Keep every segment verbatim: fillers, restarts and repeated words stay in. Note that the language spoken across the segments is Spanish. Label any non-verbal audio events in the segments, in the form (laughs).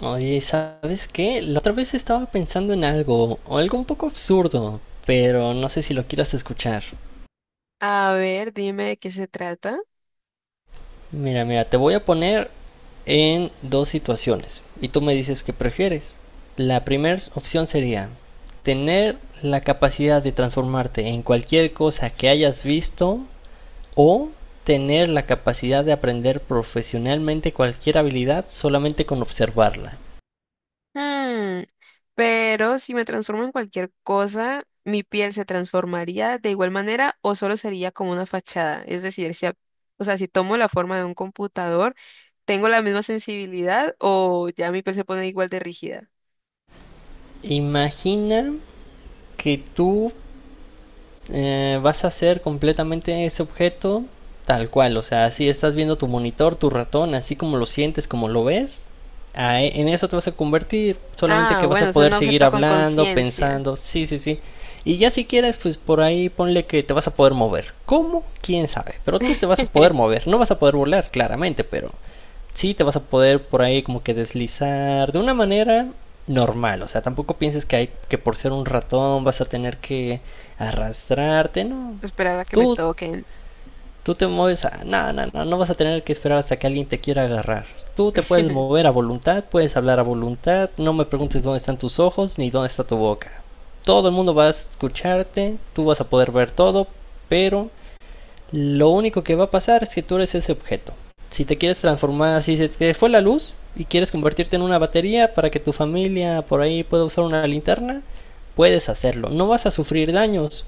Oye, ¿sabes qué? La otra vez estaba pensando en algo, o algo un poco absurdo, pero no sé si lo quieras escuchar. A ver, dime de qué se trata. Mira, mira, te voy a poner en dos situaciones y tú me dices qué prefieres. La primera opción sería tener la capacidad de transformarte en cualquier cosa que hayas visto o tener la capacidad de aprender profesionalmente cualquier habilidad solamente con observarla. Mm, pero si me transformo en cualquier cosa, ¿mi piel se transformaría de igual manera o solo sería como una fachada? Es decir, si, a- o sea, si tomo la forma de un computador, ¿tengo la misma sensibilidad o ya mi piel se pone igual de rígida? Imagina que tú eh, vas a hacer completamente ese objeto tal cual. O sea, si estás viendo tu monitor, tu ratón, así como lo sientes, como lo ves, a- en eso te vas a convertir. Solamente Ah, que vas a bueno, es poder un seguir objeto con hablando, conciencia. pensando. Sí, sí, sí. Y ya si quieres, pues por ahí ponle que te vas a poder mover. ¿Cómo? ¿Quién sabe? Pero tú te vas a poder (laughs) mover. No vas a poder volar, claramente, pero sí te vas a poder por ahí como que deslizar de una manera normal. O sea, tampoco pienses que hay que por ser un ratón vas a tener que arrastrarte, no. Esperar a que me Tú toquen. tú te mueves a no, no, no, no vas a tener que esperar hasta que alguien te quiera agarrar. Tú te puedes (laughs) mover a voluntad, puedes hablar a voluntad, no me preguntes dónde están tus ojos ni dónde está tu boca. Todo el mundo va a escucharte, tú vas a poder ver todo, pero lo único que va a pasar es que tú eres ese objeto. Si te quieres transformar, si se te fue la luz y quieres convertirte en una batería para que tu familia por ahí pueda usar una linterna, puedes hacerlo. No vas a sufrir daños.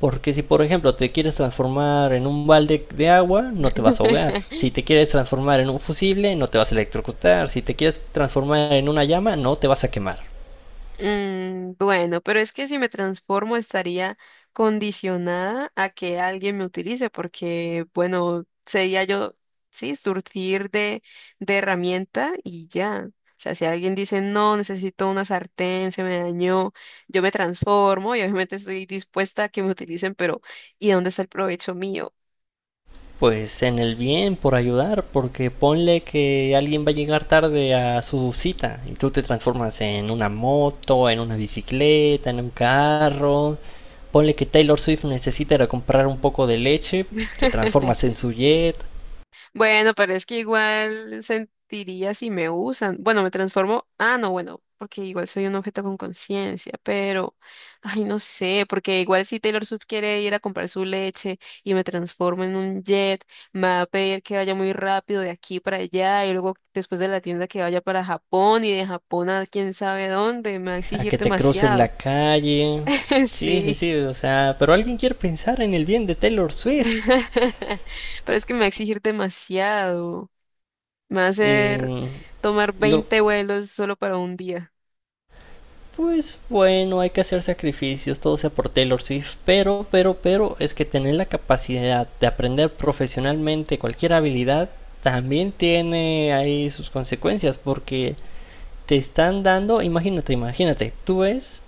Porque si por ejemplo te quieres transformar en un balde de agua, no te vas a ahogar. Si te quieres transformar en un fusible, no te vas a electrocutar. Si te quieres transformar en una llama, no te vas a quemar. Mm, bueno, pero es que si me transformo estaría condicionada a que alguien me utilice, porque, bueno, sería yo, sí, surtir de, de herramienta y ya. O sea, si alguien dice, no, necesito una sartén, se me dañó, yo me transformo y obviamente estoy dispuesta a que me utilicen, pero ¿y dónde está el provecho mío? Pues en el bien, por ayudar, porque ponle que alguien va a llegar tarde a su cita y tú te transformas en una moto, en una bicicleta, en un carro. Ponle que Taylor Swift necesita ir a comprar un poco de leche, pues te transformas (laughs) en su jet, Bueno, pero es que igual sentiría si me usan. Bueno, me transformo. Ah, no, bueno, porque igual soy un objeto con conciencia, pero, ay, no sé, porque igual si Taylor Swift quiere ir a comprar su leche y me transformo en un jet, me va a pedir que vaya muy rápido de aquí para allá y luego después de la tienda que vaya para Japón y de Japón a quién sabe dónde, me va a a exigir que te cruces la demasiado. calle. (laughs) Sí, sí, Sí. sí, o sea, pero alguien quiere pensar en el bien de Taylor Swift. (laughs) Pero es que me va a exigir demasiado. Me va a hacer Y tomar lo, veinte vuelos solo para un día. Pues bueno, hay que hacer sacrificios, todo sea por Taylor Swift, pero, pero, pero es que tener la capacidad de aprender profesionalmente cualquier habilidad también tiene ahí sus consecuencias porque te están dando, imagínate, imagínate, tú ves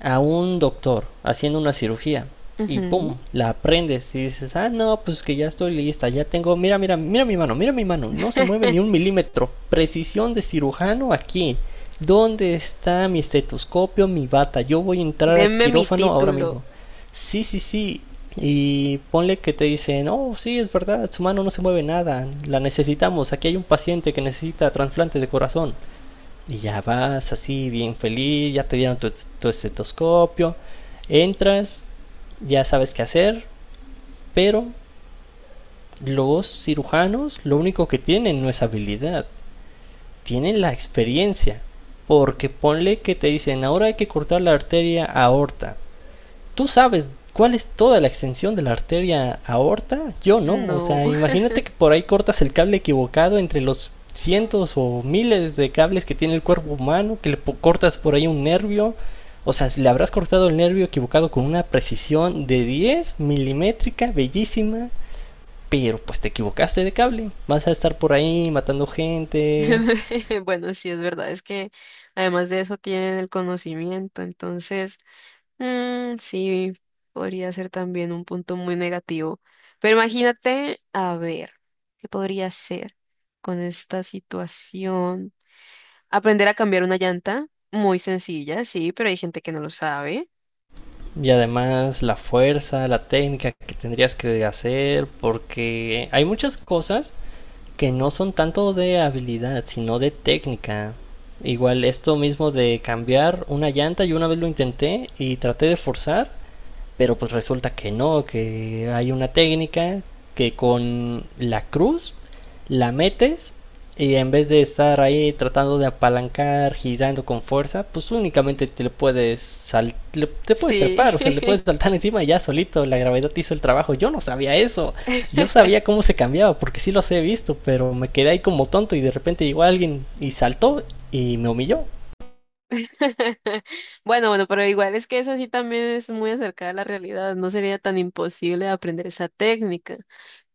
a un doctor haciendo una cirugía y pum, Ujú. la aprendes y dices, ah, no, pues que ya estoy lista, ya tengo, mira, mira, mira mi mano, mira mi mano, no se mueve ni un (laughs) milímetro, precisión de cirujano aquí, ¿dónde está mi estetoscopio, mi bata? Yo voy a entrar a Denme mi quirófano ahora título. mismo. Sí, sí, sí, y ponle que te dicen, oh, sí, es verdad, su mano no se mueve nada, la necesitamos, aquí hay un paciente que necesita trasplante de corazón. Y ya vas así, bien feliz, ya te dieron tu, tu estetoscopio, entras, ya sabes qué hacer, pero los cirujanos lo único que tienen no es habilidad, tienen la experiencia. Porque ponle que te dicen, ahora hay que cortar la arteria aorta, tú sabes cuál es toda la extensión de la arteria aorta, yo no. O No. sea, imagínate que por ahí cortas el cable equivocado entre los cientos o miles de cables que tiene el cuerpo humano, que le cortas por ahí un nervio. O sea, le habrás cortado el nervio equivocado con una precisión de diez milimétrica, bellísima, pero pues te equivocaste de cable. Vas a estar por ahí matando gente. (laughs) Bueno, sí, es verdad. Es que además de eso tienen el conocimiento. Entonces, mm, sí, podría ser también un punto muy negativo. Pero imagínate, a ver, ¿qué podría ser con esta situación? Aprender a cambiar una llanta. Muy sencilla, sí, pero hay gente que no lo sabe. Y además la fuerza, la técnica que tendrías que hacer, porque hay muchas cosas que no son tanto de habilidad, sino de técnica. Igual esto mismo de cambiar una llanta, yo una vez lo intenté y traté de forzar pero pues resulta que no, que hay una técnica que con la cruz la metes y en vez de estar ahí tratando de apalancar, girando con fuerza, pues únicamente te le puedes sal le te puedes Sí. trepar, o sea, le puedes (laughs) saltar (laughs) encima y ya solito, la gravedad hizo el trabajo. Yo no sabía eso. Yo (laughs) sabía cómo se cambiaba porque sí los he visto, pero me quedé ahí como tonto y de repente llegó alguien y saltó y me humilló. Bueno, bueno, pero igual es que eso sí también es muy acercada a la realidad, no sería tan imposible aprender esa técnica,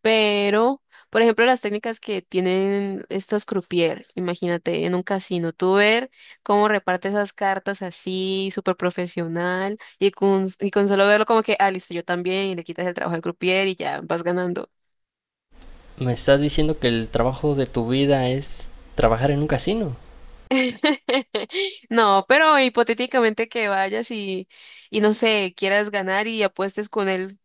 pero, por ejemplo, las técnicas que tienen estos croupier, imagínate en un casino, tú ver cómo reparte esas cartas así, súper profesional, y con, y con solo verlo como que, ah, listo, yo también, y le quitas el trabajo al croupier y ya vas ganando. Me estás diciendo que el trabajo de tu vida es trabajar en un casino. (laughs) No, pero hipotéticamente que vayas y, y no sé, quieras ganar y apuestes con él.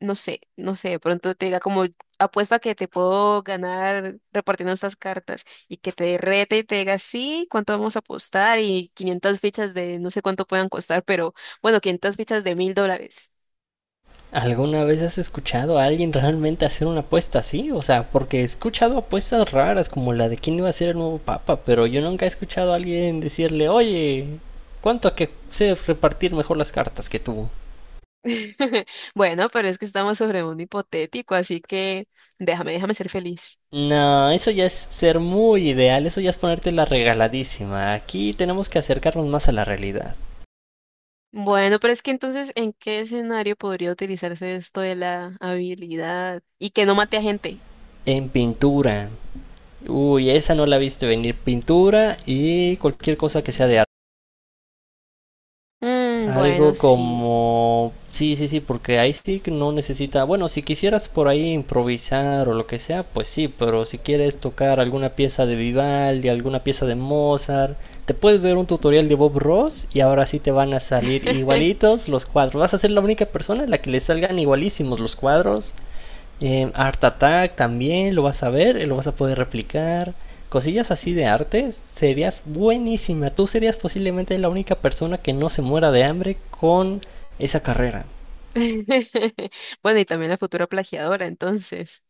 No sé, no sé, de pronto te diga como apuesta que te puedo ganar repartiendo estas cartas y que te rete y te diga, sí, ¿cuánto vamos a apostar? Y quinientas fichas de no sé cuánto puedan costar, pero bueno, quinientas fichas de mil dólares. ¿Alguna vez has escuchado a alguien realmente hacer una apuesta así? O sea, porque he escuchado apuestas raras como la de quién iba a ser el nuevo papa, pero yo nunca he escuchado a alguien decirle, oye, ¿cuánto a que sé repartir mejor las cartas que tú? (laughs) Bueno, pero es que estamos sobre un hipotético, así que déjame, déjame ser feliz. No, eso ya es ser muy ideal, eso ya es ponerte la regaladísima. Aquí tenemos que acercarnos más a la realidad. Bueno, pero es que entonces, ¿en qué escenario podría utilizarse esto de la habilidad y que no mate a gente? En pintura. Uy, esa no la viste venir. Pintura y cualquier cosa que sea de arte. Mm, bueno, Algo sí. como... Sí, sí, sí, porque ahí sí que no necesita... Bueno, si quisieras por ahí improvisar o lo que sea, pues sí, pero si quieres tocar alguna pieza de Vivaldi, alguna pieza de Mozart, te puedes ver un tutorial de Bob Ross y ahora sí te van a salir (laughs) igualitos los cuadros. Vas a ser la única persona a la que le salgan igualísimos los cuadros. eh, Art Attack también lo vas a ver, eh, lo vas a poder replicar. Cosillas así de arte, serías buenísima. Tú serías posiblemente la única persona que no se muera de hambre con esa carrera. (laughs) Bueno, y también la futura plagiadora, entonces.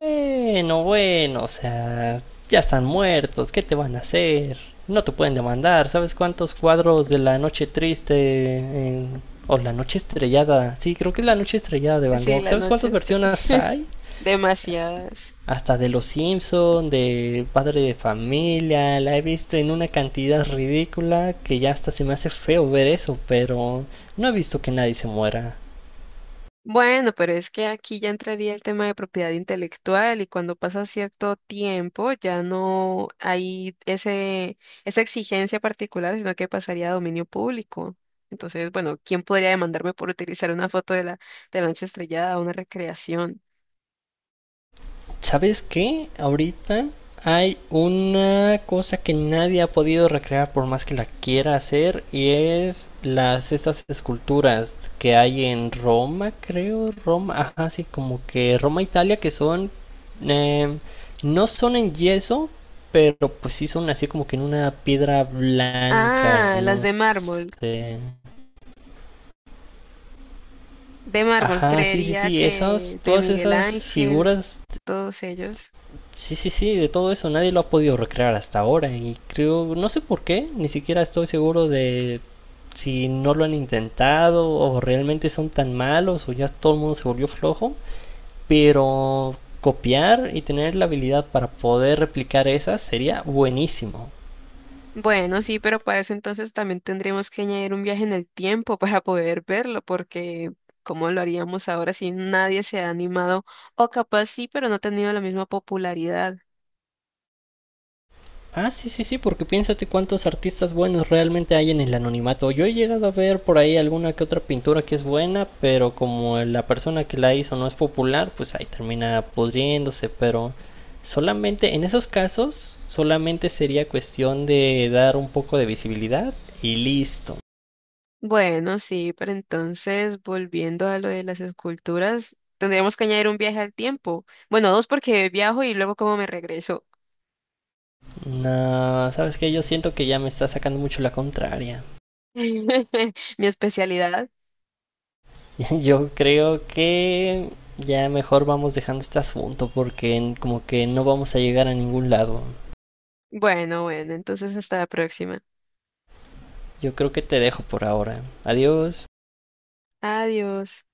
Bueno, bueno, o sea, ya están muertos, ¿qué te van a hacer? No te pueden demandar, ¿sabes cuántos cuadros de la noche triste en- o la noche estrellada? Sí, creo que es la noche estrellada de Van Sí, Gogh. la ¿Sabes noche cuántas es tre- versiones (laughs) hay? demasiadas. Hasta de Los Simpson, de Padre de Familia, la he visto en una cantidad ridícula que ya hasta se me hace feo ver eso, pero no he visto que nadie se muera. Bueno, pero es que aquí ya entraría el tema de propiedad intelectual y cuando pasa cierto tiempo ya no hay ese, esa exigencia particular, sino que pasaría a dominio público. Entonces, bueno, ¿quién podría demandarme por utilizar una foto de la, de la noche estrellada o una recreación? ¿Sabes qué? Ahorita hay una cosa que nadie ha podido recrear por más que la quiera hacer y es las estas esculturas que hay en Roma, creo, Roma, ajá, sí, como que Roma, Italia, que son em, no son en yeso, pero pues sí son así como que en una piedra blanca, Ah, las no de mármol. sé. De mármol, Ajá, sí, sí, creería sí, esas, que de todas Miguel esas Ángel, figuras. todos ellos. Sí, sí, sí, de todo eso nadie lo ha podido recrear hasta ahora y creo, no sé por qué, ni siquiera estoy seguro de si no lo han intentado o realmente son tan malos o ya todo el mundo se volvió flojo, pero copiar y tener la habilidad para poder replicar esas sería buenísimo. Bueno, sí, pero para eso entonces también tendríamos que añadir un viaje en el tiempo para poder verlo, porque ¿cómo lo haríamos ahora si nadie se ha animado? O capaz sí, pero no ha tenido la misma popularidad. Ah, sí, sí, sí, porque piénsate cuántos artistas buenos realmente hay en el anonimato. Yo he llegado a ver por ahí alguna que otra pintura que es buena, pero como la persona que la hizo no es popular, pues ahí termina pudriéndose, pero solamente en esos casos solamente sería cuestión de dar un poco de visibilidad y listo. Bueno, sí, pero entonces volviendo a lo de las esculturas, tendríamos que añadir un viaje al tiempo. Bueno, dos porque viajo y luego cómo me regreso. No, sabes que yo siento que ya me está sacando mucho la contraria. (laughs) Mi especialidad. (laughs) Yo creo que ya mejor vamos dejando este asunto porque en- como que no vamos a llegar a ningún lado. Bueno, bueno, entonces hasta la próxima. Yo creo que te dejo por ahora. Adiós. Adiós.